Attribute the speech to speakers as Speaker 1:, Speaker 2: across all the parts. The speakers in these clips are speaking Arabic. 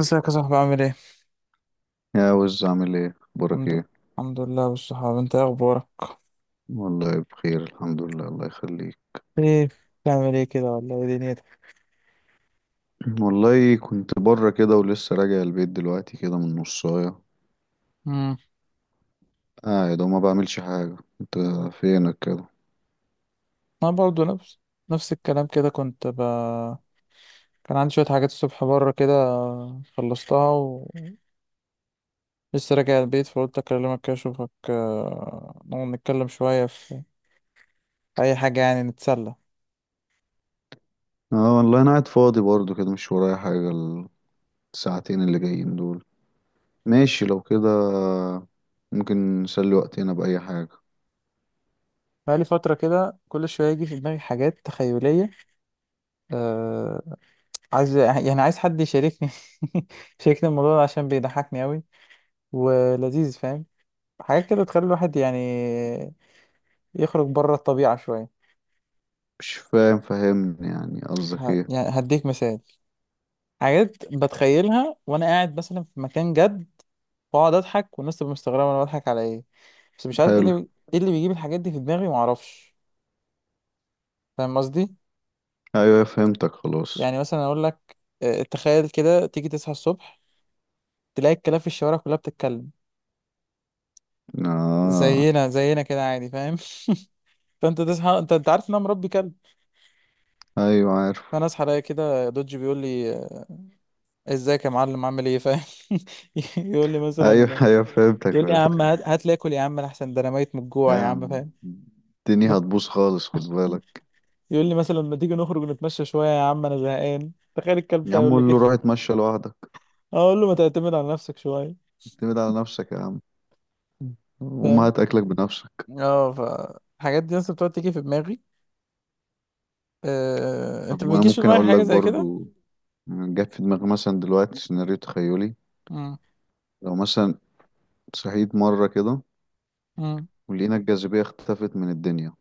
Speaker 1: ازيك يا صاحبي؟ عامل ايه؟
Speaker 2: يا وز، عامل ايه؟ اخبارك
Speaker 1: الحمد
Speaker 2: ايه؟
Speaker 1: الحمد لله بالصحاب. انت ايه اخبارك؟
Speaker 2: والله بخير، الحمد لله، الله يخليك.
Speaker 1: ايه بتعمل ايه كده، ولا ايه دنيتك؟
Speaker 2: والله كنت بره كده، ولسه راجع البيت دلوقتي كده من نصايه.
Speaker 1: امم
Speaker 2: قاعد وما بعملش حاجه. انت فينك كده؟
Speaker 1: انا برضه نفس نفس الكلام كده. كان عندي شوية حاجات الصبح بره كده، خلصتها ولسه راجع البيت، فقلت اكلمك كده اشوفك، نقعد نتكلم شوية في اي حاجة، يعني نتسلى.
Speaker 2: اه والله انا قاعد فاضي برضو كده، مش ورايا حاجه الساعتين اللي جايين دول. ماشي لو كده ممكن نسلي وقتنا باي حاجه.
Speaker 1: بقالي فترة كده كل شوية يجي في دماغي حاجات تخيلية، أه... عايز، يعني عايز حد يشاركني، يشاركني الموضوع ده عشان بيضحكني أوي ولذيذ، فاهم؟ حاجات كده تخلي الواحد يعني يخرج بره الطبيعة شوية.
Speaker 2: مش فاهم، فهمني يعني قصدك ايه.
Speaker 1: يعني هديك مثال، حاجات بتخيلها وأنا قاعد مثلا في مكان جد، وأقعد أضحك والناس تبقى مستغربة أنا بضحك على إيه. بس مش عارف
Speaker 2: حلو.
Speaker 1: إيه اللي بيجيب الحاجات دي في دماغي، معرفش. فاهم قصدي؟
Speaker 2: ايوه فهمتك خلاص.
Speaker 1: يعني مثلا أقول لك، تخيل كده تيجي تصحى الصبح، تلاقي الكلاب في الشوارع كلها بتتكلم
Speaker 2: اه.
Speaker 1: زينا زينا كده عادي، فاهم؟ فانت تصحى، انت عارف ان انا مربي كلب،
Speaker 2: ايوه عارف.
Speaker 1: فانا اصحى الاقي كده دوج بيقول لي، ازيك يا معلم، عامل ايه؟ فاهم. يقول لي
Speaker 2: ايوه
Speaker 1: مثلا
Speaker 2: ايوه فهمتك
Speaker 1: يقول لي يا عم
Speaker 2: فهمتك.
Speaker 1: هات هات لي اكل، يا عم احسن ده انا ميت من الجوع،
Speaker 2: لا
Speaker 1: يا
Speaker 2: يا
Speaker 1: عم،
Speaker 2: عم،
Speaker 1: فاهم.
Speaker 2: الدنيا
Speaker 1: ما-
Speaker 2: هتبوظ خالص، خد بالك.
Speaker 1: يقول لي مثلا، ما تيجي نخرج نتمشى شويه يا عم، انا زهقان. تخيل الكلب
Speaker 2: يا
Speaker 1: ده
Speaker 2: عم
Speaker 1: يقول لي
Speaker 2: قول له
Speaker 1: كده.
Speaker 2: روح اتمشى لوحدك.
Speaker 1: اقول له ما تعتمد على نفسك شويه،
Speaker 2: اعتمد على نفسك يا عم، وما
Speaker 1: فاهم.
Speaker 2: هات اكلك بنفسك.
Speaker 1: اه ف الحاجات دي اصلا بتقعد تيجي في دماغي.
Speaker 2: طب
Speaker 1: انت ما
Speaker 2: ما انا
Speaker 1: بيجيش في
Speaker 2: ممكن
Speaker 1: دماغك
Speaker 2: اقول
Speaker 1: حاجه
Speaker 2: لك
Speaker 1: زي كده؟
Speaker 2: برضو، جت في دماغي مثلا دلوقتي سيناريو تخيلي.
Speaker 1: امم
Speaker 2: لو مثلا صحيت مرة كده،
Speaker 1: امم
Speaker 2: ولقينا الجاذبية اختفت من الدنيا.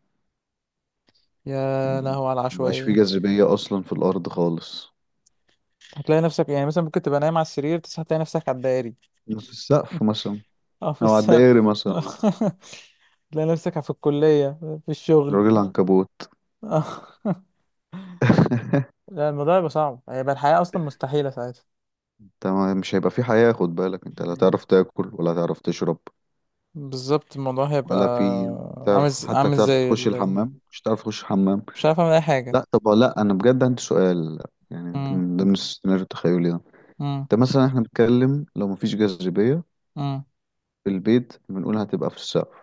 Speaker 1: يا
Speaker 2: يعني
Speaker 1: لهو على
Speaker 2: مبقاش في
Speaker 1: العشوائيه.
Speaker 2: جاذبية اصلا في الارض خالص.
Speaker 1: هتلاقي نفسك، يعني مثلا ممكن تبقى نايم على السرير تصحى تلاقي نفسك على الدائري.
Speaker 2: في السقف مثلا،
Speaker 1: اه، في
Speaker 2: او على
Speaker 1: السقف.
Speaker 2: الدائري مثلا.
Speaker 1: تلاقي نفسك في الكليه، في الشغل.
Speaker 2: راجل عنكبوت.
Speaker 1: ف... لا، الموضوع هيبقى صعب، هيبقى الحياة أصلا مستحيلة ساعتها.
Speaker 2: انت مش هيبقى في حياة، خد بالك، انت لا
Speaker 1: لا.
Speaker 2: تعرف تاكل ولا تعرف تشرب
Speaker 1: بالظبط، الموضوع هيبقى
Speaker 2: ولا في تعرف، حتى
Speaker 1: عامل
Speaker 2: تعرف
Speaker 1: زي
Speaker 2: تخش الحمام، مش تعرف تخش الحمام.
Speaker 1: مش عارف أعمل أي حاجة.
Speaker 2: لا طب لا، انا بجد عندي سؤال. يعني
Speaker 1: مم.
Speaker 2: من ضمن السيناريو التخيلي ده،
Speaker 1: مم.
Speaker 2: ده مثلا احنا بنتكلم لو مفيش جاذبية
Speaker 1: مم.
Speaker 2: في البيت بنقول هتبقى في السقف.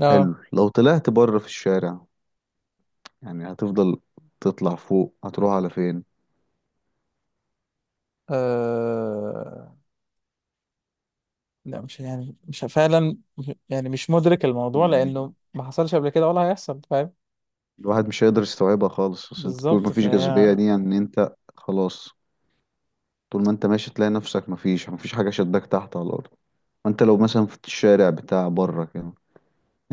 Speaker 1: لا.
Speaker 2: حلو. لو طلعت بره في الشارع، يعني هتفضل تطلع فوق، هتروح على فين؟
Speaker 1: آه... لا، مش يعني مش فعلا، يعني مش مدرك الموضوع
Speaker 2: يعني
Speaker 1: لأنه ما حصلش قبل كده ولا هيحصل، فاهم.
Speaker 2: الواحد مش هيقدر يستوعبها خالص، بس انت طول
Speaker 1: بالظبط،
Speaker 2: مفيش جاذبية
Speaker 1: فهي.
Speaker 2: دي يعني انت خلاص. طول ما انت ماشي تلاقي نفسك مفيش حاجة شداك تحت على الأرض. وانت لو مثلا في الشارع بتاع بره كده، يعني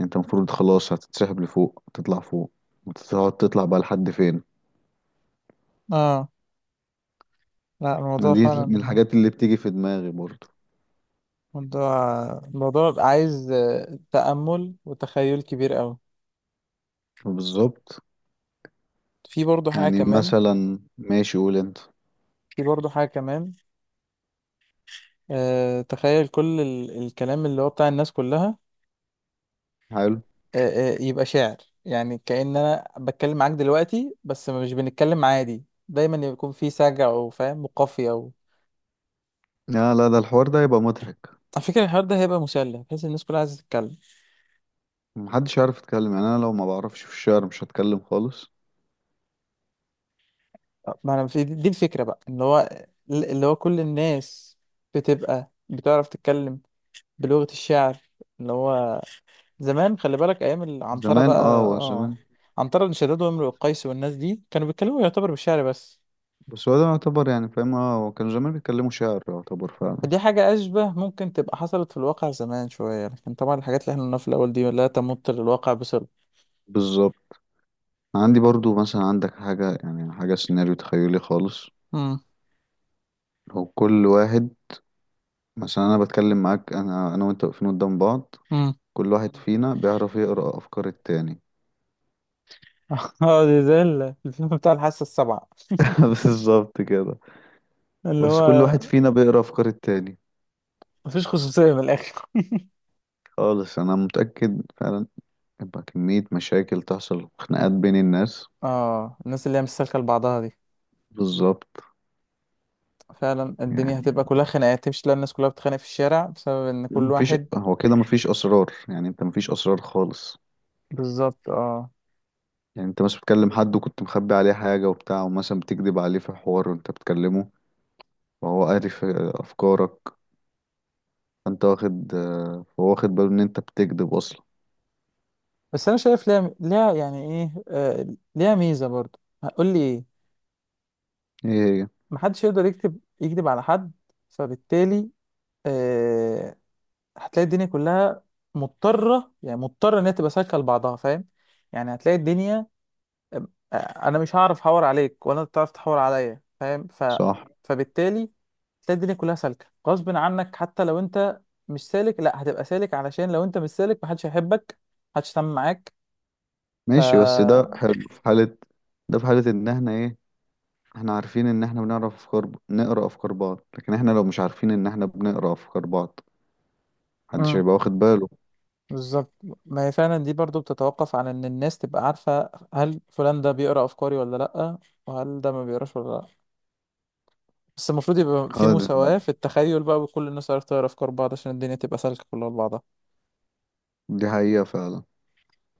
Speaker 2: انت المفروض خلاص هتتسحب لفوق، هتطلع فوق، وتقعد تطلع بقى لحد فين؟
Speaker 1: اه، لا الموضوع
Speaker 2: دي من
Speaker 1: فعلا،
Speaker 2: الحاجات اللي بتيجي في دماغي برضو.
Speaker 1: الموضوع عايز، تأمل وتخيل كبير قوي.
Speaker 2: بالظبط.
Speaker 1: في برضه حاجة
Speaker 2: يعني
Speaker 1: كمان
Speaker 2: مثلا ماشي، قول انت.
Speaker 1: في برضه حاجة كمان، تخيل كل الكلام اللي هو بتاع الناس كلها،
Speaker 2: حلو.
Speaker 1: يبقى شعر. يعني كأن انا بتكلم معاك دلوقتي، بس مش بنتكلم عادي، دايما يكون في سجع، او فاهم، وقافية او
Speaker 2: لا لا، ده الحوار ده هيبقى مضحك.
Speaker 1: على فكرة. الحوار ده هيبقى مسلي بحيث الناس كلها عايزة تتكلم،
Speaker 2: محدش عارف يتكلم، يعني انا لو ما بعرفش في الشعر مش هتكلم خالص.
Speaker 1: ما انا في دي الفكرة بقى، اللي هو اللي هو كل الناس بتبقى بتعرف تتكلم بلغة الشعر، اللي هو زمان، خلي بالك، ايام العنترة
Speaker 2: زمان
Speaker 1: بقى.
Speaker 2: اه، هو
Speaker 1: اه،
Speaker 2: زمان.
Speaker 1: عنترة بن شداد وامرؤ القيس والناس دي كانوا بيتكلموا يعتبر بالشعر بس.
Speaker 2: بس هو ده يعتبر، يعني فاهم، اه هو كان زمان بيتكلموا شعر يعتبر فعلا.
Speaker 1: دي حاجة أشبه ممكن تبقى حصلت في الواقع زمان شوية، لكن طبعا الحاجات اللي احنا قلناها في الأول دي لا تمت للواقع بصلة.
Speaker 2: بالظبط. عندي برضو مثلا، عندك حاجة يعني حاجة سيناريو تخيلي خالص؟
Speaker 1: مم.
Speaker 2: هو كل واحد، عشان انا بتكلم معاك، انا وانت واقفين قدام بعض،
Speaker 1: مم.
Speaker 2: كل واحد فينا بيعرف يقرأ افكار التاني.
Speaker 1: اه، دي زي الفيلم بتاع الحاسة السابعة،
Speaker 2: بالظبط كده.
Speaker 1: اللي
Speaker 2: بس كل
Speaker 1: هو
Speaker 2: واحد فينا بيقرأ افكار التاني
Speaker 1: مفيش خصوصية من الآخر.
Speaker 2: خالص، انا متأكد فعلا. يبقى كمية مشاكل تحصل، خناقات بين الناس.
Speaker 1: اه، الناس اللي هي مستسلكة لبعضها دي،
Speaker 2: بالظبط.
Speaker 1: فعلا الدنيا هتبقى
Speaker 2: يعني
Speaker 1: كلها خناقات، تمشي تلاقي الناس كلها بتتخانق في الشارع بسبب إن كل
Speaker 2: مفيش،
Speaker 1: واحد،
Speaker 2: هو كده مفيش اسرار، يعني انت مفيش اسرار خالص.
Speaker 1: بالظبط. اه،
Speaker 2: يعني انت بس بتكلم حد وكنت مخبي عليه حاجة وبتاع، ومثلا بتكذب عليه في حوار وانت بتكلمه، وهو عارف افكارك. انت واخد آه، هو واخد باله ان انت بتكذب اصلا.
Speaker 1: بس أنا شايف ليها يعني إيه، ليها ميزة برضه، هقول لي إيه؟
Speaker 2: ايه هي.
Speaker 1: محدش يقدر يكذب على حد، فبالتالي، آه، هتلاقي الدنيا كلها يعني مضطرة إن هي تبقى سالكة لبعضها، فاهم. يعني هتلاقي الدنيا، أم- أنا مش هعرف أحور عليك، ولا أنت تعرف تحور عليا، فاهم.
Speaker 2: صح.
Speaker 1: فبالتالي تلاقي الدنيا كلها سالكة غصب عنك، حتى لو أنت مش سالك، لا هتبقى سالك، علشان لو أنت مش سالك محدش هيحبك، محدش هيتعامل معاك. ف
Speaker 2: ماشي بس ده حلو في حالة، ده في حالة ان احنا ايه، احنا عارفين ان احنا بنعرف افكار نقرا افكار بعض. لكن احنا لو مش عارفين ان احنا بنقرا افكار بعض، محدش
Speaker 1: امم
Speaker 2: هيبقى واخد باله.
Speaker 1: بالظبط، ما هي فعلا دي برضو بتتوقف عن إن الناس تبقى عارفة هل فلان ده بيقرأ أفكاري ولا لأ، وهل ده ما بيقراش ولا لأ. بس المفروض يبقى في
Speaker 2: اه ده،
Speaker 1: مساواة في التخيل بقى، وكل الناس عارفة تقرا أفكار بعض عشان الدنيا تبقى سالكة كلها لبعضها.
Speaker 2: دي حقيقة فعلا.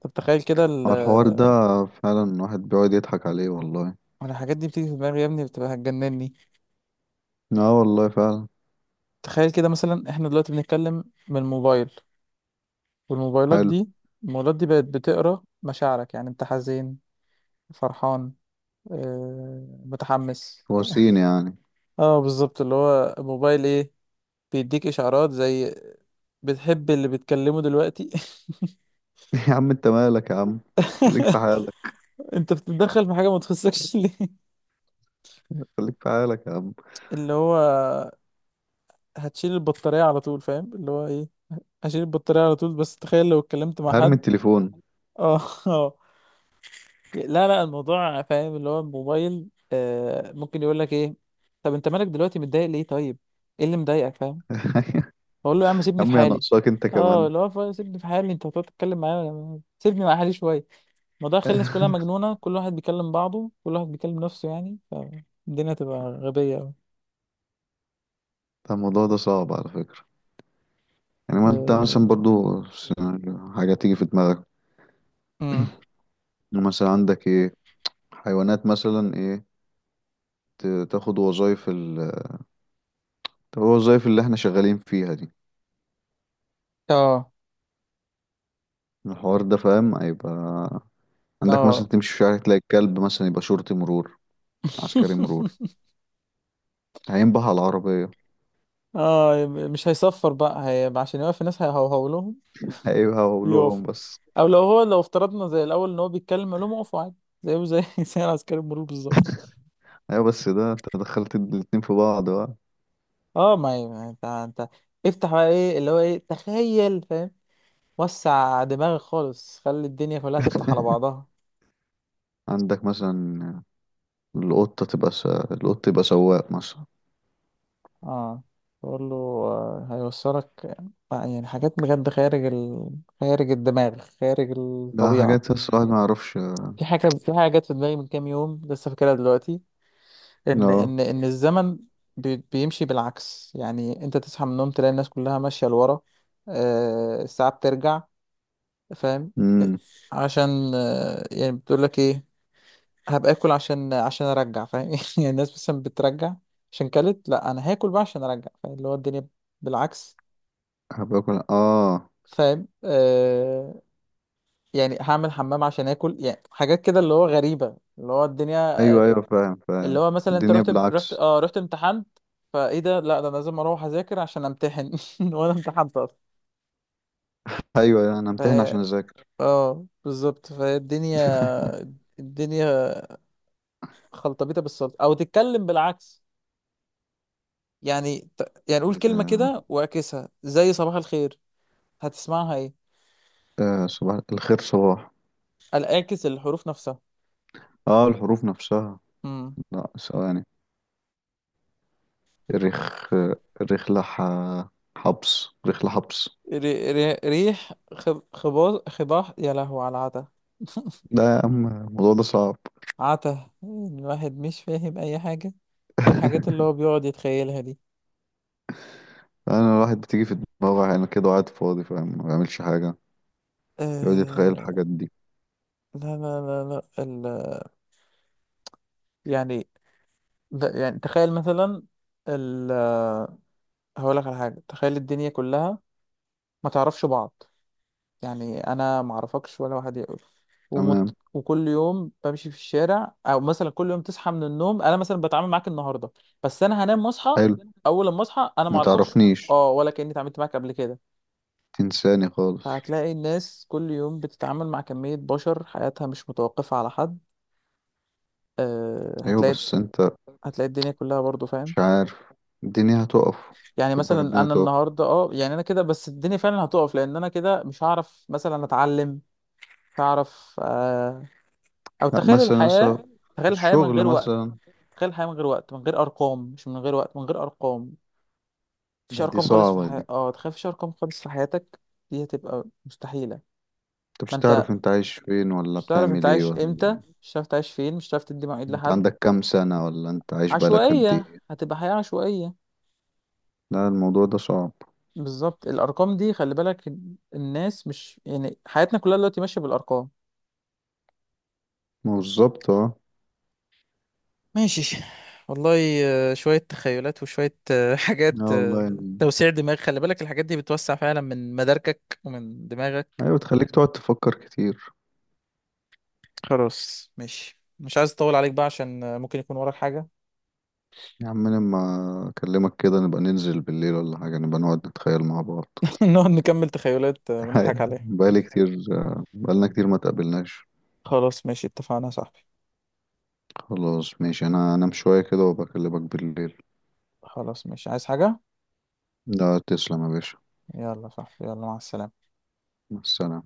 Speaker 1: طب تخيل كده
Speaker 2: هو الحوار ده فعلا الواحد بيقعد يضحك عليه والله.
Speaker 1: أنا الحاجات دي بتيجي في دماغي يا ابني بتبقى هتجنني.
Speaker 2: اه والله فعلا.
Speaker 1: تخيل كده مثلا، احنا دلوقتي بنتكلم من الموبايل، والموبايلات
Speaker 2: حلو.
Speaker 1: دي الموبايلات دي بقت بتقرا مشاعرك، يعني انت حزين، فرحان، متحمس.
Speaker 2: وسيم يعني.
Speaker 1: اه بالظبط، اللي هو الموبايل ايه، بيديك اشعارات زي بتحب اللي بتكلمه دلوقتي.
Speaker 2: يا عم انت مالك يا عم، خليك في حالك.
Speaker 1: انت بتتدخل في حاجه ما تخصكش ليه؟
Speaker 2: خليك في حالك يا عم.
Speaker 1: اللي هو هتشيل البطارية على طول، فاهم. اللي هو ايه، هشيل البطارية على طول. بس تخيل لو اتكلمت مع
Speaker 2: ارمي
Speaker 1: حد،
Speaker 2: التليفون.
Speaker 1: اه اه، لا لا الموضوع فاهم، اللي هو الموبايل ممكن يقول لك ايه؟ طب انت مالك دلوقتي متضايق ليه؟ طيب ايه اللي مضايقك؟ فاهم. بقول له يا عم
Speaker 2: يا
Speaker 1: سيبني في
Speaker 2: عم يا
Speaker 1: حالي،
Speaker 2: ناقصاك انت
Speaker 1: اه
Speaker 2: كمان.
Speaker 1: اللي هو سيبني في حالي، انت هتقعد تتكلم معايا سيبني مع حالي شوية. الموضوع خلى الناس كلها مجنونة، كل واحد بيكلم بعضه، كل واحد بيكلم نفسه، يعني فالدنيا تبقى غبية أوي.
Speaker 2: ده الموضوع ده صعب على فكرة. يعني ما انت مثلا
Speaker 1: آه،
Speaker 2: برضو حاجة تيجي في دماغك.
Speaker 1: امم
Speaker 2: يعني مثلا عندك ايه، حيوانات مثلا، ايه تاخد وظايف الوظايف اللي احنا شغالين فيها دي.
Speaker 1: اه
Speaker 2: الحوار ده فاهم هيبقى. عندك مثلا
Speaker 1: اه
Speaker 2: تمشي في شارع تلاقي الكلب مثلا يبقى شرطي مرور، عسكري مرور، هينبه على العربية.
Speaker 1: اه، مش هيصفر بقى، هيبقى عشان يوقف الناس هيهوهو لهم.
Speaker 2: هيبقى هقولهم
Speaker 1: يقف،
Speaker 2: بس.
Speaker 1: او لو هو، لو افترضنا زي الاول ان هو بيتكلم، علوم، اقفوا عادي. زيه زي زي عسكري المرور بالظبط.
Speaker 2: ايوه بس ده انت دخلت الاتنين في بعض بقى.
Speaker 1: اه، ما هي ما انت افتح بقى ايه اللي هو ايه، تخيل، فاهم، وسع دماغك خالص، خلي الدنيا كلها تفتح على بعضها.
Speaker 2: عندك مثلا، القط يبقى سواق مثلا.
Speaker 1: اه، بقول له هيوصلك، يعني حاجات بجد خارج خارج الدماغ، خارج
Speaker 2: ده
Speaker 1: الطبيعة.
Speaker 2: حاجات الصراحة ما اعرفش.
Speaker 1: في حاجة، جت في دماغي من كام يوم لسه فاكرها دلوقتي، ان الزمن بيمشي بالعكس، يعني انت تصحى من النوم تلاقي الناس كلها ماشيه لورا. الساعه بترجع، فاهم.
Speaker 2: اه
Speaker 1: عشان يعني بتقول لك ايه، هبقى اكل عشان ارجع، فاهم. يعني الناس مثلا بترجع عشان كلت، لا انا هاكل بقى عشان ارجع، فاهم. اللي هو الدنيا بالعكس،
Speaker 2: باكل اه.
Speaker 1: فاهم. يعني هعمل حمام عشان اكل، يعني حاجات كده اللي هو غريبه، اللي هو الدنيا،
Speaker 2: ايوه ايوه فاهم
Speaker 1: اللي
Speaker 2: فاهم.
Speaker 1: هو مثلا انت
Speaker 2: الدنيا
Speaker 1: رحت رحت
Speaker 2: بالعكس.
Speaker 1: اه رحت امتحنت، فايه ده، لا ده انا لازم اروح اذاكر عشان امتحن، وانا امتحنت اصلا.
Speaker 2: ايوه أيوه، انا
Speaker 1: ف
Speaker 2: امتحن عشان اذاكر.
Speaker 1: اه بالظبط، فالدنيا الدنيا خلطبيطه بالسلطه، او تتكلم بالعكس، يعني يعني قول كلمه
Speaker 2: آه
Speaker 1: كده واعكسها، زي صباح الخير، هتسمعها ايه؟
Speaker 2: صباح الخير صباح.
Speaker 1: الاعكس الحروف نفسها.
Speaker 2: اه الحروف نفسها.
Speaker 1: امم
Speaker 2: لا ثواني. رخ رخلة حبس، رخلة حبس.
Speaker 1: ريح، خباز، خباح. يا لهو على العتا،
Speaker 2: لا يا عم الموضوع ده صعب.
Speaker 1: عتا الواحد مش فاهم اي حاجه في الحاجات اللي هو بيقعد يتخيلها دي.
Speaker 2: انا الواحد بتيجي في دماغه يعني كده وقاعد فاضي فاهم، ما بيعملش حاجة، يقعد يتخيل
Speaker 1: آه
Speaker 2: الحاجات دي.
Speaker 1: لا لا لا، لا يعني ده، يعني تخيل مثلا ال... هقول لك على حاجة، تخيل الدنيا كلها ما تعرفش بعض. يعني انا ما اعرفكش ولا واحد يقول،
Speaker 2: تمام.
Speaker 1: وكل يوم بمشي في الشارع، او مثلا كل يوم تصحى من النوم، انا مثلا بتعامل معاك النهارده، بس انا هنام واصحى،
Speaker 2: حلو.
Speaker 1: اول لما اصحى انا ما
Speaker 2: ما
Speaker 1: اعرفكش.
Speaker 2: تعرفنيش.
Speaker 1: اه، ولا كاني اتعاملت معاك قبل كده.
Speaker 2: تنساني خالص.
Speaker 1: فهتلاقي الناس كل يوم بتتعامل مع كمية بشر، حياتها مش متوقفة على حد، آه،
Speaker 2: ايوه
Speaker 1: هتلاقي
Speaker 2: بس انت،
Speaker 1: هتلاقي الدنيا كلها برضو، فاهم.
Speaker 2: مش عارف، الدنيا هتقف.
Speaker 1: يعني
Speaker 2: خد بالك
Speaker 1: مثلا
Speaker 2: الدنيا
Speaker 1: انا
Speaker 2: هتقف.
Speaker 1: النهارده، يعني انا كده، بس الدنيا فعلا هتقف، لان انا كده مش هعرف مثلا اتعلم، مش هعرف. او
Speaker 2: لا
Speaker 1: تخيل
Speaker 2: مثلا لسه
Speaker 1: الحياه،
Speaker 2: في
Speaker 1: تخيل الحياه من
Speaker 2: الشغل
Speaker 1: غير وقت،
Speaker 2: مثلا.
Speaker 1: تخيل الحياه من غير وقت من غير ارقام، مش من غير وقت، من غير ارقام. مفيش
Speaker 2: لا دي
Speaker 1: ارقام خالص في
Speaker 2: صعبة دي.
Speaker 1: حياتك، تخيل مفيش ارقام خالص في حياتك، دي هتبقى مستحيله.
Speaker 2: انت
Speaker 1: ما
Speaker 2: مش تعرف
Speaker 1: انت
Speaker 2: انت عايش فين ولا
Speaker 1: مش هتعرف انت
Speaker 2: بتعمل ايه
Speaker 1: عايش
Speaker 2: ولا
Speaker 1: امتى، مش هتعرف تعيش فين، مش هتعرف تدي مواعيد
Speaker 2: انت
Speaker 1: لحد.
Speaker 2: عندك كام سنة ولا انت عايش بقالك قد
Speaker 1: عشوائيه،
Speaker 2: ايه.
Speaker 1: هتبقى حياه عشوائيه.
Speaker 2: لا الموضوع ده صعب.
Speaker 1: بالظبط الارقام دي، خلي بالك، الناس مش، يعني حياتنا كلها دلوقتي ماشيه بالارقام.
Speaker 2: ما هو بالظبط اه.
Speaker 1: ماشي، والله. شويه تخيلات، وشويه حاجات،
Speaker 2: اه والله يعني،
Speaker 1: توسيع دماغ. خلي بالك الحاجات دي بتوسع فعلا من مداركك ومن دماغك.
Speaker 2: ايوه تخليك تقعد تفكر كتير.
Speaker 1: خلاص ماشي، مش عايز اطول عليك بقى عشان ممكن يكون وراك حاجه.
Speaker 2: يا عم لما اكلمك كده نبقى ننزل بالليل ولا حاجة، نبقى نقعد نتخيل مع بعض.
Speaker 1: نقعد نكمل تخيلات
Speaker 2: هاي
Speaker 1: ونضحك عليها.
Speaker 2: بقالي كتير، بقالنا كتير ما تقابلناش.
Speaker 1: خلاص ماشي، اتفقنا يا صاحبي.
Speaker 2: خلاص ماشي انا انام شوية كده وبكلمك بالليل.
Speaker 1: خلاص ماشي، عايز حاجه؟
Speaker 2: لا تسلم يا باشا.
Speaker 1: يلا يا صاحبي، يلا مع السلامه.
Speaker 2: مع السلامة.